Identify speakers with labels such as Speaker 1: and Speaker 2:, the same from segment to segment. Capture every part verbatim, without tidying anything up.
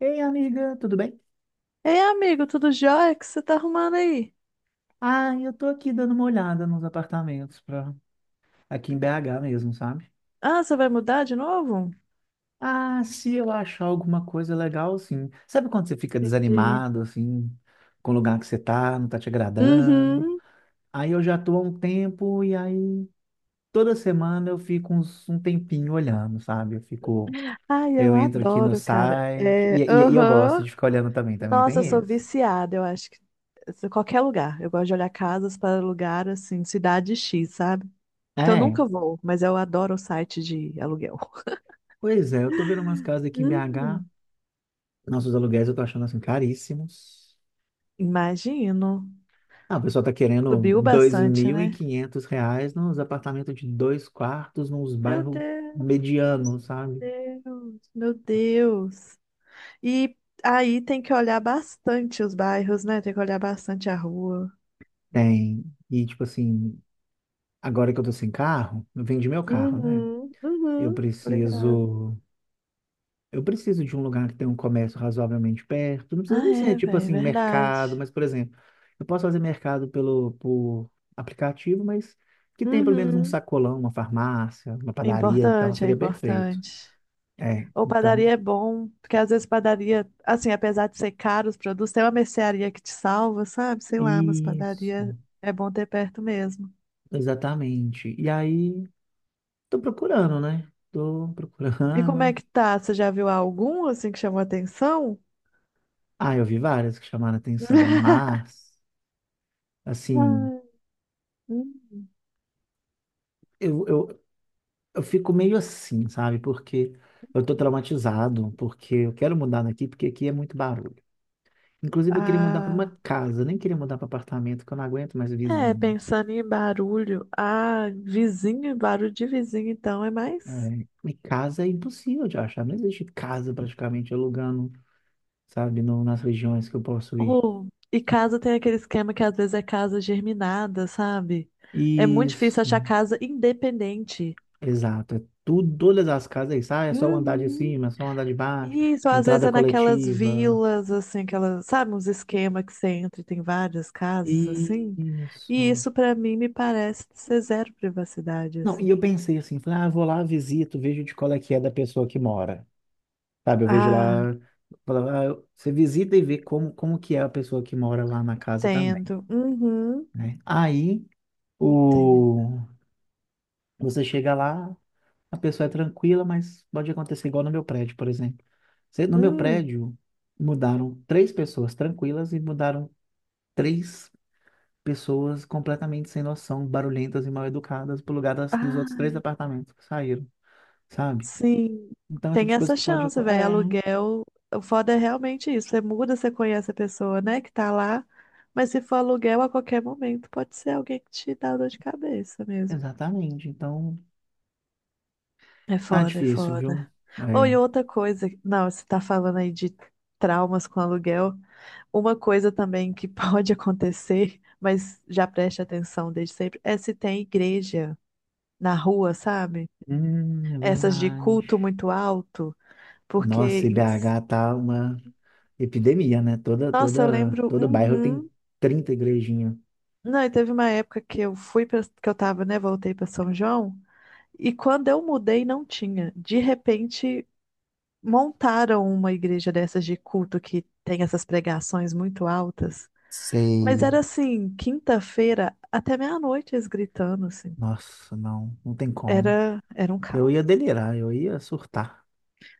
Speaker 1: Ei, amiga, tudo bem?
Speaker 2: Ei, amigo, tudo jóia? O que você tá arrumando aí?
Speaker 1: Ah, eu tô aqui dando uma olhada nos apartamentos pra... aqui em B H mesmo, sabe?
Speaker 2: Ah, você vai mudar de novo?
Speaker 1: Ah, se eu achar alguma coisa legal, sim. Sabe quando você fica
Speaker 2: Entendi.
Speaker 1: desanimado, assim, com o lugar que você tá, não tá te agradando?
Speaker 2: Uhum.
Speaker 1: Aí eu já tô há um tempo e aí toda semana eu fico uns- um tempinho olhando, sabe? Eu fico,
Speaker 2: Ai, eu
Speaker 1: eu entro aqui no
Speaker 2: adoro, cara.
Speaker 1: site e,
Speaker 2: É,
Speaker 1: e, e eu gosto
Speaker 2: aham.
Speaker 1: de ficar olhando também, também
Speaker 2: Nossa, eu
Speaker 1: tem
Speaker 2: sou
Speaker 1: isso.
Speaker 2: viciada, eu acho que se- qualquer lugar. Eu gosto de olhar casas para lugar assim, cidade X, sabe? Que eu
Speaker 1: É,
Speaker 2: nunca vou, mas eu adoro o site de aluguel.
Speaker 1: pois é, eu tô vendo umas casas aqui em B H.
Speaker 2: Hum,
Speaker 1: Nossos aluguéis eu tô achando assim caríssimos.
Speaker 2: imagino.
Speaker 1: Ah, o pessoal tá querendo
Speaker 2: Subiu
Speaker 1: dois
Speaker 2: bastante,
Speaker 1: mil e
Speaker 2: né?
Speaker 1: quinhentos reais nos apartamentos de dois quartos, nos
Speaker 2: Meu
Speaker 1: bairros
Speaker 2: Deus,
Speaker 1: medianos, sabe?
Speaker 2: meu Deus, meu Deus. E aí tem que olhar bastante os bairros, né? Tem que olhar bastante a rua.
Speaker 1: Tem. E tipo assim, agora que eu tô sem carro, eu vendi meu carro, né?
Speaker 2: Uhum,
Speaker 1: Eu
Speaker 2: uhum, tô ligado.
Speaker 1: preciso. Eu preciso de um lugar que tenha um comércio razoavelmente perto. Não precisa
Speaker 2: Ah,
Speaker 1: nem ser
Speaker 2: é,
Speaker 1: tipo
Speaker 2: velho,
Speaker 1: assim, mercado,
Speaker 2: verdade.
Speaker 1: mas, por exemplo, eu posso fazer mercado pelo, por aplicativo, mas que tenha pelo menos um
Speaker 2: Uhum.
Speaker 1: sacolão, uma farmácia, uma
Speaker 2: É
Speaker 1: padaria, então
Speaker 2: importante, é
Speaker 1: seria perfeito.
Speaker 2: importante.
Speaker 1: É,
Speaker 2: Ou
Speaker 1: então,
Speaker 2: padaria é bom, porque às vezes padaria, assim, apesar de ser caro os produtos, tem uma mercearia que te salva, sabe? Sei lá, mas
Speaker 1: isso,
Speaker 2: padaria é bom ter perto mesmo.
Speaker 1: exatamente. E aí, tô procurando, né? Tô
Speaker 2: E como é
Speaker 1: procurando.
Speaker 2: que tá? Você já viu algum, assim, que chamou atenção?
Speaker 1: Ah, eu vi várias que chamaram atenção, mas, assim,
Speaker 2: Ah, hum.
Speaker 1: eu, eu, eu fico meio assim, sabe? Porque eu tô traumatizado, porque eu quero mudar daqui, porque aqui é muito barulho. Inclusive, eu queria mudar para uma
Speaker 2: Ah,
Speaker 1: casa, nem queria mudar para apartamento, que eu não aguento mais
Speaker 2: é,
Speaker 1: vizinho.
Speaker 2: pensando em barulho, ah, vizinho, barulho de vizinho, então é mais.
Speaker 1: É, e casa é impossível de achar, não existe casa praticamente alugando, sabe, no, nas regiões que eu posso ir.
Speaker 2: Oh, e casa tem aquele esquema que às vezes é casa germinada, sabe? É muito difícil achar
Speaker 1: Isso,
Speaker 2: casa independente.
Speaker 1: exato. É tudo, todas as casas é isso. Ah, é só o andar de
Speaker 2: Uhum.
Speaker 1: cima, é só o andar de baixo,
Speaker 2: Isso, às vezes
Speaker 1: entrada
Speaker 2: é naquelas
Speaker 1: coletiva.
Speaker 2: vilas, assim, aquelas, sabe, uns esquemas que você entra e tem várias casas, assim. E
Speaker 1: Isso.
Speaker 2: isso pra mim me parece ser zero privacidade,
Speaker 1: Não, e
Speaker 2: assim.
Speaker 1: eu pensei assim, falei, ah, eu vou lá, visito, vejo de qual é que é da pessoa que mora. Sabe, eu vejo
Speaker 2: Ah,
Speaker 1: lá, falo, ah, eu- você visita e vê como, como, que é a pessoa que mora lá na casa também,
Speaker 2: entendo. Uhum,
Speaker 1: né? Aí,
Speaker 2: entendo.
Speaker 1: o Você chega lá, a pessoa é tranquila, mas pode acontecer igual no meu prédio, por exemplo. Se- No meu
Speaker 2: Hum.
Speaker 1: prédio, mudaram três pessoas tranquilas e mudaram três pessoas completamente sem noção, barulhentas e mal educadas pro lugar das, dos outros
Speaker 2: Ah.
Speaker 1: três apartamentos que saíram, sabe?
Speaker 2: Sim,
Speaker 1: Então, é o tipo
Speaker 2: tem
Speaker 1: de coisa
Speaker 2: essa
Speaker 1: que pode...
Speaker 2: chance,
Speaker 1: acon-
Speaker 2: velho.
Speaker 1: É,
Speaker 2: Aluguel, o foda é realmente isso. Você muda, você conhece a pessoa, né, que tá lá, mas se for aluguel a qualquer momento, pode ser alguém que te dá dor de cabeça mesmo.
Speaker 1: exatamente. Então,
Speaker 2: É
Speaker 1: tá
Speaker 2: foda, é
Speaker 1: difícil,
Speaker 2: foda.
Speaker 1: viu?
Speaker 2: Ou e
Speaker 1: É.
Speaker 2: outra coisa, não, você tá falando aí de traumas com aluguel. Uma coisa também que pode acontecer, mas já preste atenção desde sempre, é se tem igreja na rua, sabe?
Speaker 1: Hum, é
Speaker 2: Essas de
Speaker 1: verdade.
Speaker 2: culto muito alto, porque
Speaker 1: Nossa, e
Speaker 2: em...
Speaker 1: B H tá uma epidemia, né? Toda,
Speaker 2: Nossa, eu
Speaker 1: toda,
Speaker 2: lembro.
Speaker 1: todo bairro
Speaker 2: Uhum.
Speaker 1: tem trinta igrejinhas.
Speaker 2: Não, e teve uma época que eu fui para que eu tava, né? Voltei para São João. E quando eu mudei, não tinha. De repente, montaram uma igreja dessas de culto que tem essas pregações muito altas. Mas era
Speaker 1: Sei.
Speaker 2: assim, quinta-feira até meia-noite eles gritando assim.
Speaker 1: Nossa, não, não tem como.
Speaker 2: Era, era um
Speaker 1: Eu ia
Speaker 2: caos.
Speaker 1: delirar, eu ia surtar.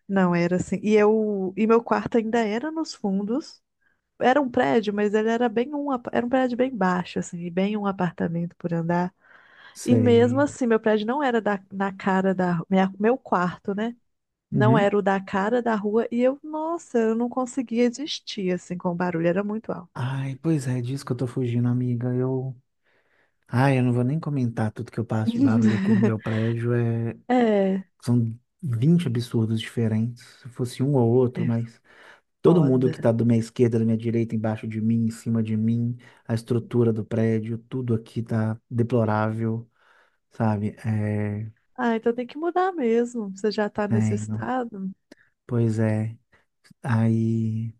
Speaker 2: Não, era assim. E eu, e meu quarto ainda era nos fundos. Era um prédio, mas ele era bem um, apa- era um prédio bem baixo assim, e bem um apartamento por andar. E mesmo
Speaker 1: Sei.
Speaker 2: assim, meu prédio não era da, na cara da ru- minha, meu quarto, né? Não
Speaker 1: Uhum.
Speaker 2: era o da cara da rua e eu, nossa, eu não conseguia existir assim com o barulho, era muito alto.
Speaker 1: Ai, pois é, disso que eu tô fugindo, amiga. Eu. Ai, eu não vou nem comentar tudo que eu passo de barulho aqui no meu prédio. É...
Speaker 2: É,
Speaker 1: São vinte absurdos diferentes. Se fosse um ou outro,
Speaker 2: é
Speaker 1: mas todo mundo que tá
Speaker 2: foda.
Speaker 1: da minha esquerda, da minha direita, embaixo de mim, em cima de mim, a estrutura do prédio, tudo aqui tá deplorável, sabe? É,
Speaker 2: Ah, então tem que mudar mesmo. Você já tá nesse
Speaker 1: tenho.
Speaker 2: estado?
Speaker 1: Pois é. Aí,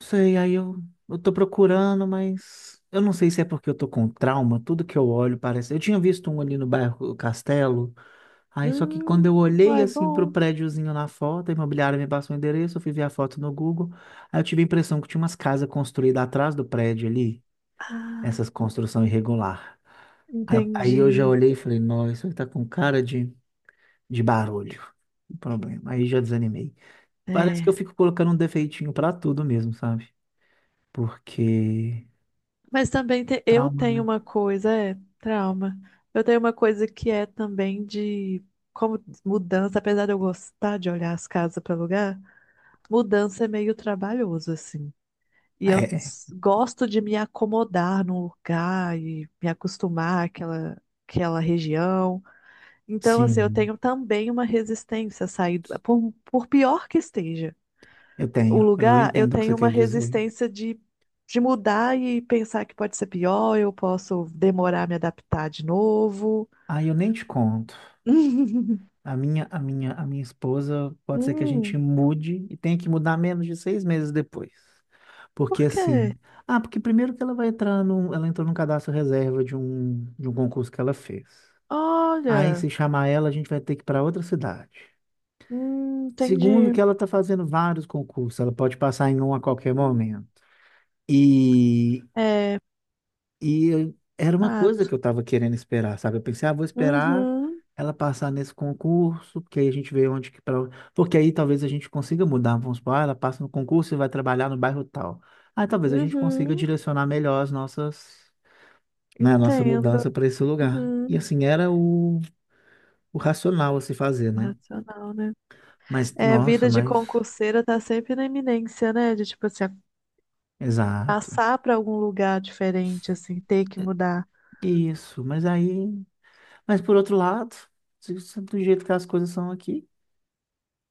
Speaker 1: não sei, aí eu, eu tô procurando, mas eu não sei se é porque eu tô com trauma, tudo que eu olho parece. Eu tinha visto um ali no bairro Castelo, aí só que quando
Speaker 2: Hum,
Speaker 1: eu olhei
Speaker 2: vai
Speaker 1: assim pro
Speaker 2: bom.
Speaker 1: prédiozinho na foto, a imobiliária me passou o endereço, eu fui ver a foto no Google, aí eu tive a impressão que tinha umas casas construídas atrás do prédio ali,
Speaker 2: Ah,
Speaker 1: essas construção irregular. Aí eu aí eu já
Speaker 2: entendi.
Speaker 1: olhei e falei, nossa, isso aí tá com cara de, de, barulho, o problema. Aí já desanimei. Parece que eu
Speaker 2: É.
Speaker 1: fico colocando um defeitinho pra tudo mesmo, sabe? Porque
Speaker 2: Mas também te- eu
Speaker 1: trauma,
Speaker 2: tenho
Speaker 1: né?
Speaker 2: uma coisa, é, trauma. Eu tenho uma coisa que é também de como mudança, apesar de eu gostar de olhar as casas para alugar, mudança é meio trabalhoso, assim. E eu
Speaker 1: É,
Speaker 2: s- gosto de me acomodar num lugar e me acostumar àquela, àquela região. Então, assim, eu
Speaker 1: sim,
Speaker 2: tenho também uma resistência a sair, do- por, por pior que esteja
Speaker 1: eu
Speaker 2: o
Speaker 1: tenho. Eu
Speaker 2: lugar, eu
Speaker 1: entendo o que você
Speaker 2: tenho uma
Speaker 1: quer dizer.
Speaker 2: resistência de, de mudar e pensar que pode ser pior, eu posso demorar a me adaptar de novo.
Speaker 1: Ah, eu nem te conto. A minha, a minha, a minha esposa pode ser que a gente
Speaker 2: Hum,
Speaker 1: mude e tenha que mudar menos de seis meses depois. Porque
Speaker 2: por quê?
Speaker 1: assim, ah, porque primeiro que ela vai entrar num, ela entrou num cadastro reserva de um, de um concurso que ela fez. Aí
Speaker 2: Olha,
Speaker 1: se chamar ela, a gente vai ter que ir para outra cidade.
Speaker 2: hum,
Speaker 1: Segundo,
Speaker 2: entendi.
Speaker 1: que ela está fazendo vários concursos, ela pode passar em um a qualquer momento. E,
Speaker 2: É,
Speaker 1: e eu- era uma coisa
Speaker 2: fato.
Speaker 1: que eu estava querendo esperar, sabe? Eu pensei, ah, vou esperar
Speaker 2: Uhum,
Speaker 1: ela passar nesse concurso, porque aí a gente vê onde que. Pra... Porque aí talvez a gente consiga mudar. Vamos supor, ah, ela passa no concurso e vai trabalhar no bairro tal. Aí talvez a gente consiga
Speaker 2: uhum,
Speaker 1: direcionar melhor as nossas, né, a nossa mudança
Speaker 2: entendo.
Speaker 1: para esse lugar. E
Speaker 2: Uhum.
Speaker 1: assim, era o, o racional a se fazer, né?
Speaker 2: Racional, né?
Speaker 1: Mas,
Speaker 2: É,
Speaker 1: nossa,
Speaker 2: vida de
Speaker 1: mas.
Speaker 2: concurseira tá sempre na iminência, né? De tipo assim,
Speaker 1: Exato.
Speaker 2: passar pra algum lugar diferente, assim, ter que mudar.
Speaker 1: Isso, mas aí Mas por outro lado, se- se- do jeito que as coisas são aqui,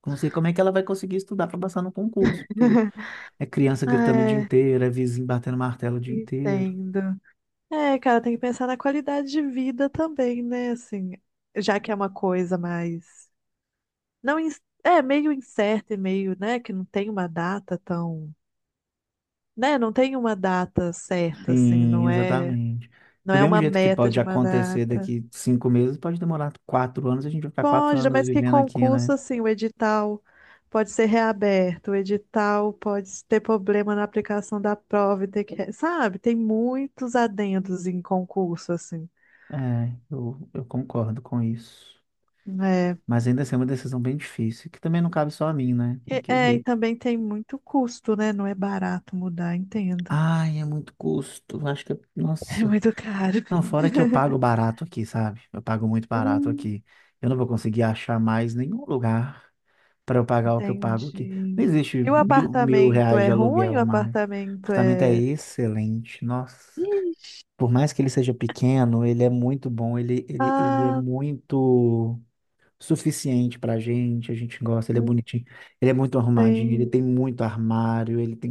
Speaker 1: não sei como é que ela vai conseguir estudar para passar no concurso, porque é criança gritando o dia
Speaker 2: É.
Speaker 1: inteiro, é vizinho batendo martelo o dia inteiro.
Speaker 2: Entendo. É, cara, tem que pensar na qualidade de vida também, né? Assim, já que é uma coisa mais. Não, ins- é meio incerta e meio, né? Que não tem uma data tão. Né? Não tem uma data certa, assim,
Speaker 1: Sim,
Speaker 2: não é.
Speaker 1: exatamente.
Speaker 2: Não
Speaker 1: Do
Speaker 2: é
Speaker 1: mesmo
Speaker 2: uma
Speaker 1: jeito que
Speaker 2: meta
Speaker 1: pode
Speaker 2: de uma
Speaker 1: acontecer
Speaker 2: data.
Speaker 1: daqui cinco meses, pode demorar quatro anos, a gente vai ficar quatro
Speaker 2: Pode,
Speaker 1: anos
Speaker 2: mas que
Speaker 1: vivendo aqui,
Speaker 2: concurso,
Speaker 1: né?
Speaker 2: assim, o edital pode ser reaberto, o edital pode ter problema na aplicação da prova e ter que. Sabe? Tem muitos adendos em concurso, assim,
Speaker 1: É, eu, eu concordo com isso.
Speaker 2: né.
Speaker 1: Mas ainda assim é uma decisão bem difícil, que também não cabe só a mim, né? Tem
Speaker 2: E-
Speaker 1: que
Speaker 2: É, e
Speaker 1: ver.
Speaker 2: também tem muito custo, né? Não é barato mudar, entendo.
Speaker 1: Ai, é muito custo. Acho que, é-
Speaker 2: É
Speaker 1: nossa,
Speaker 2: muito caro.
Speaker 1: não, fora que eu pago barato aqui, sabe? Eu pago muito barato
Speaker 2: Hum,
Speaker 1: aqui. Eu não vou conseguir achar mais nenhum lugar para eu pagar o que eu pago aqui.
Speaker 2: entendi.
Speaker 1: Não existe
Speaker 2: E o
Speaker 1: mil, mil
Speaker 2: apartamento
Speaker 1: reais
Speaker 2: é
Speaker 1: de
Speaker 2: ruim? O
Speaker 1: aluguel, mas o
Speaker 2: apartamento
Speaker 1: apartamento é
Speaker 2: é.
Speaker 1: excelente. Nossa,
Speaker 2: Ixi,
Speaker 1: por mais que ele seja pequeno, ele é muito bom. Ele, ele, ele é
Speaker 2: ah,
Speaker 1: muito suficiente pra gente, a gente gosta, ele é bonitinho, ele é muito arrumadinho, ele
Speaker 2: entendi.
Speaker 1: tem muito armário, ele tem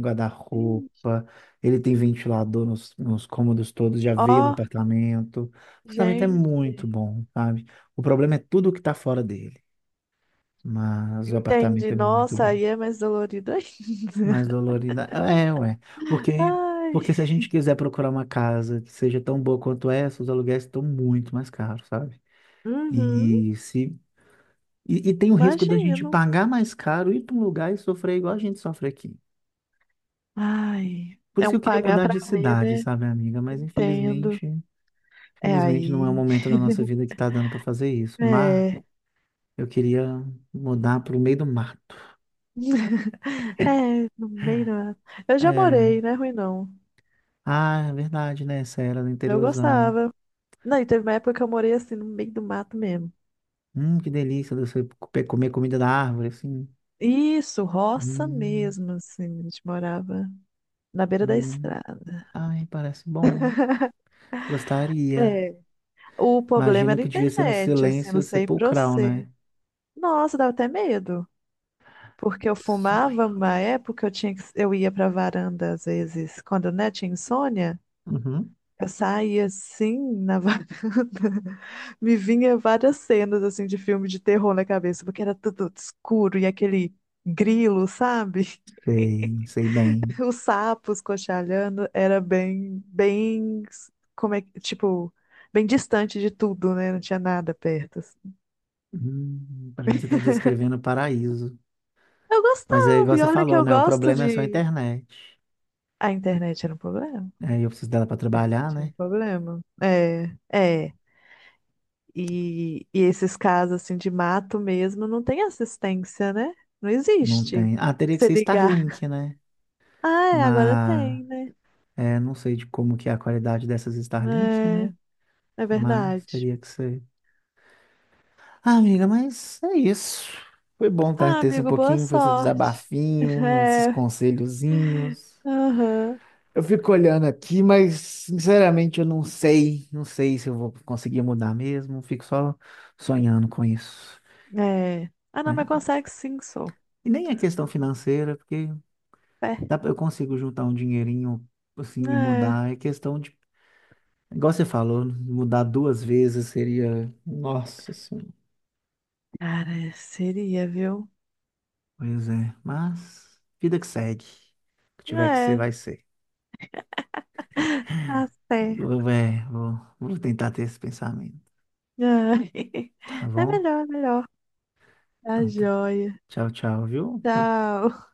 Speaker 2: Ixi,
Speaker 1: guarda-roupa, ele tem ventilador nos, nos cômodos todos, já
Speaker 2: ó,
Speaker 1: veio no apartamento. O apartamento é muito
Speaker 2: gente.
Speaker 1: bom, sabe? O problema é tudo que tá fora dele, mas o apartamento
Speaker 2: Entendi.
Speaker 1: é muito
Speaker 2: Nossa,
Speaker 1: bom.
Speaker 2: aí é mais dolorido
Speaker 1: Mais
Speaker 2: ainda.
Speaker 1: dolorida. É, ué. Porque,
Speaker 2: Ai.
Speaker 1: porque se a gente quiser procurar uma casa que seja tão boa quanto essa, os aluguéis estão muito mais caros, sabe?
Speaker 2: Uhum,
Speaker 1: E se E, e tem o risco da gente
Speaker 2: imagino.
Speaker 1: pagar mais caro, ir para um lugar e sofrer igual a gente sofre aqui.
Speaker 2: Ai.
Speaker 1: Por
Speaker 2: É
Speaker 1: isso que eu
Speaker 2: um
Speaker 1: queria
Speaker 2: pagar
Speaker 1: mudar
Speaker 2: pra
Speaker 1: de
Speaker 2: ver,
Speaker 1: cidade,
Speaker 2: né?
Speaker 1: sabe, amiga? Mas
Speaker 2: Entendo.
Speaker 1: infelizmente,
Speaker 2: É
Speaker 1: infelizmente não é
Speaker 2: aí.
Speaker 1: o momento da nossa vida que tá dando para fazer isso. Mas
Speaker 2: É.
Speaker 1: eu queria mudar para o meio do mato.
Speaker 2: É, no meio da... Eu já morei,
Speaker 1: É.
Speaker 2: não é ruim não.
Speaker 1: Ah, é verdade, né? Essa era do
Speaker 2: Eu
Speaker 1: interiorzão.
Speaker 2: gostava. Não, e teve uma época que eu morei assim, no meio do mato mesmo.
Speaker 1: Hum, que delícia você pe- comer comida da árvore, assim.
Speaker 2: Isso, roça
Speaker 1: Hum,
Speaker 2: mesmo, assim. A gente morava na beira da
Speaker 1: hum.
Speaker 2: estrada.
Speaker 1: Ai, parece bom. Gostaria.
Speaker 2: É. O problema
Speaker 1: Imagino
Speaker 2: era a
Speaker 1: que devia ser um
Speaker 2: internet, assim,
Speaker 1: silêncio
Speaker 2: não sei pra
Speaker 1: sepulcral,
Speaker 2: você.
Speaker 1: né?
Speaker 2: Nossa, dava até medo. Porque eu
Speaker 1: Que
Speaker 2: fumava
Speaker 1: sonho.
Speaker 2: uma época, eu tinha que, eu ia pra varanda às vezes, quando, né, tinha insônia.
Speaker 1: Uhum.
Speaker 2: Eu saía assim na varanda, me vinha várias cenas assim de filme de terror na cabeça, porque era tudo escuro e aquele grilo, sabe?
Speaker 1: Sei, sei bem.
Speaker 2: Os sapos cochalhando era bem, bem, como é, que- tipo, bem distante de tudo, né? Não tinha nada perto, assim.
Speaker 1: Hum, para mim você está descrevendo o paraíso.
Speaker 2: Eu
Speaker 1: Mas é
Speaker 2: gostava,
Speaker 1: igual
Speaker 2: e
Speaker 1: você
Speaker 2: olha que
Speaker 1: falou,
Speaker 2: eu
Speaker 1: né? O
Speaker 2: gosto
Speaker 1: problema é só a
Speaker 2: de.
Speaker 1: internet.
Speaker 2: A internet era um problema.
Speaker 1: Aí eu preciso dela para
Speaker 2: A...
Speaker 1: trabalhar,
Speaker 2: Era
Speaker 1: né?
Speaker 2: um problema. É, é. E, e esses casos assim de mato mesmo não tem assistência, né? Não
Speaker 1: Não
Speaker 2: existe.
Speaker 1: tem. Ah, teria que
Speaker 2: Se
Speaker 1: ser
Speaker 2: ligar.
Speaker 1: Starlink, né?
Speaker 2: Ah, é, agora
Speaker 1: Mas
Speaker 2: tem, né?
Speaker 1: é, não sei de como que é a qualidade dessas Starlink, né?
Speaker 2: É, é
Speaker 1: Mas
Speaker 2: verdade.
Speaker 1: teria que ser. Ah, amiga, mas é isso. Foi bom tá,
Speaker 2: Ah,
Speaker 1: ter esse um
Speaker 2: amigo, boa
Speaker 1: pouquinho, foi esse
Speaker 2: sorte.
Speaker 1: desabafinho, esses
Speaker 2: É,
Speaker 1: conselhozinhos.
Speaker 2: aham.
Speaker 1: Eu fico olhando aqui, mas sinceramente eu não sei, não sei se eu vou conseguir mudar mesmo, fico só sonhando com isso,
Speaker 2: É. Ah, não,
Speaker 1: né?
Speaker 2: mas consegue sim, sou.
Speaker 1: E nem é questão financeira, porque
Speaker 2: É.
Speaker 1: dá pra- eu consigo juntar um dinheirinho assim e
Speaker 2: É.
Speaker 1: mudar, é questão de, igual você falou, mudar duas vezes seria, Nossa Senhora.
Speaker 2: Cara, seria, viu?
Speaker 1: Pois é, mas vida que segue, o que tiver que ser
Speaker 2: É,
Speaker 1: vai ser.
Speaker 2: tá
Speaker 1: Eu,
Speaker 2: certo.
Speaker 1: é, vou, vou tentar ter esse pensamento,
Speaker 2: É.
Speaker 1: tá
Speaker 2: É
Speaker 1: bom?
Speaker 2: melhor, é melhor. Tá
Speaker 1: Então, tá.
Speaker 2: joia.
Speaker 1: Tchau, tchau, viu?
Speaker 2: Tchau.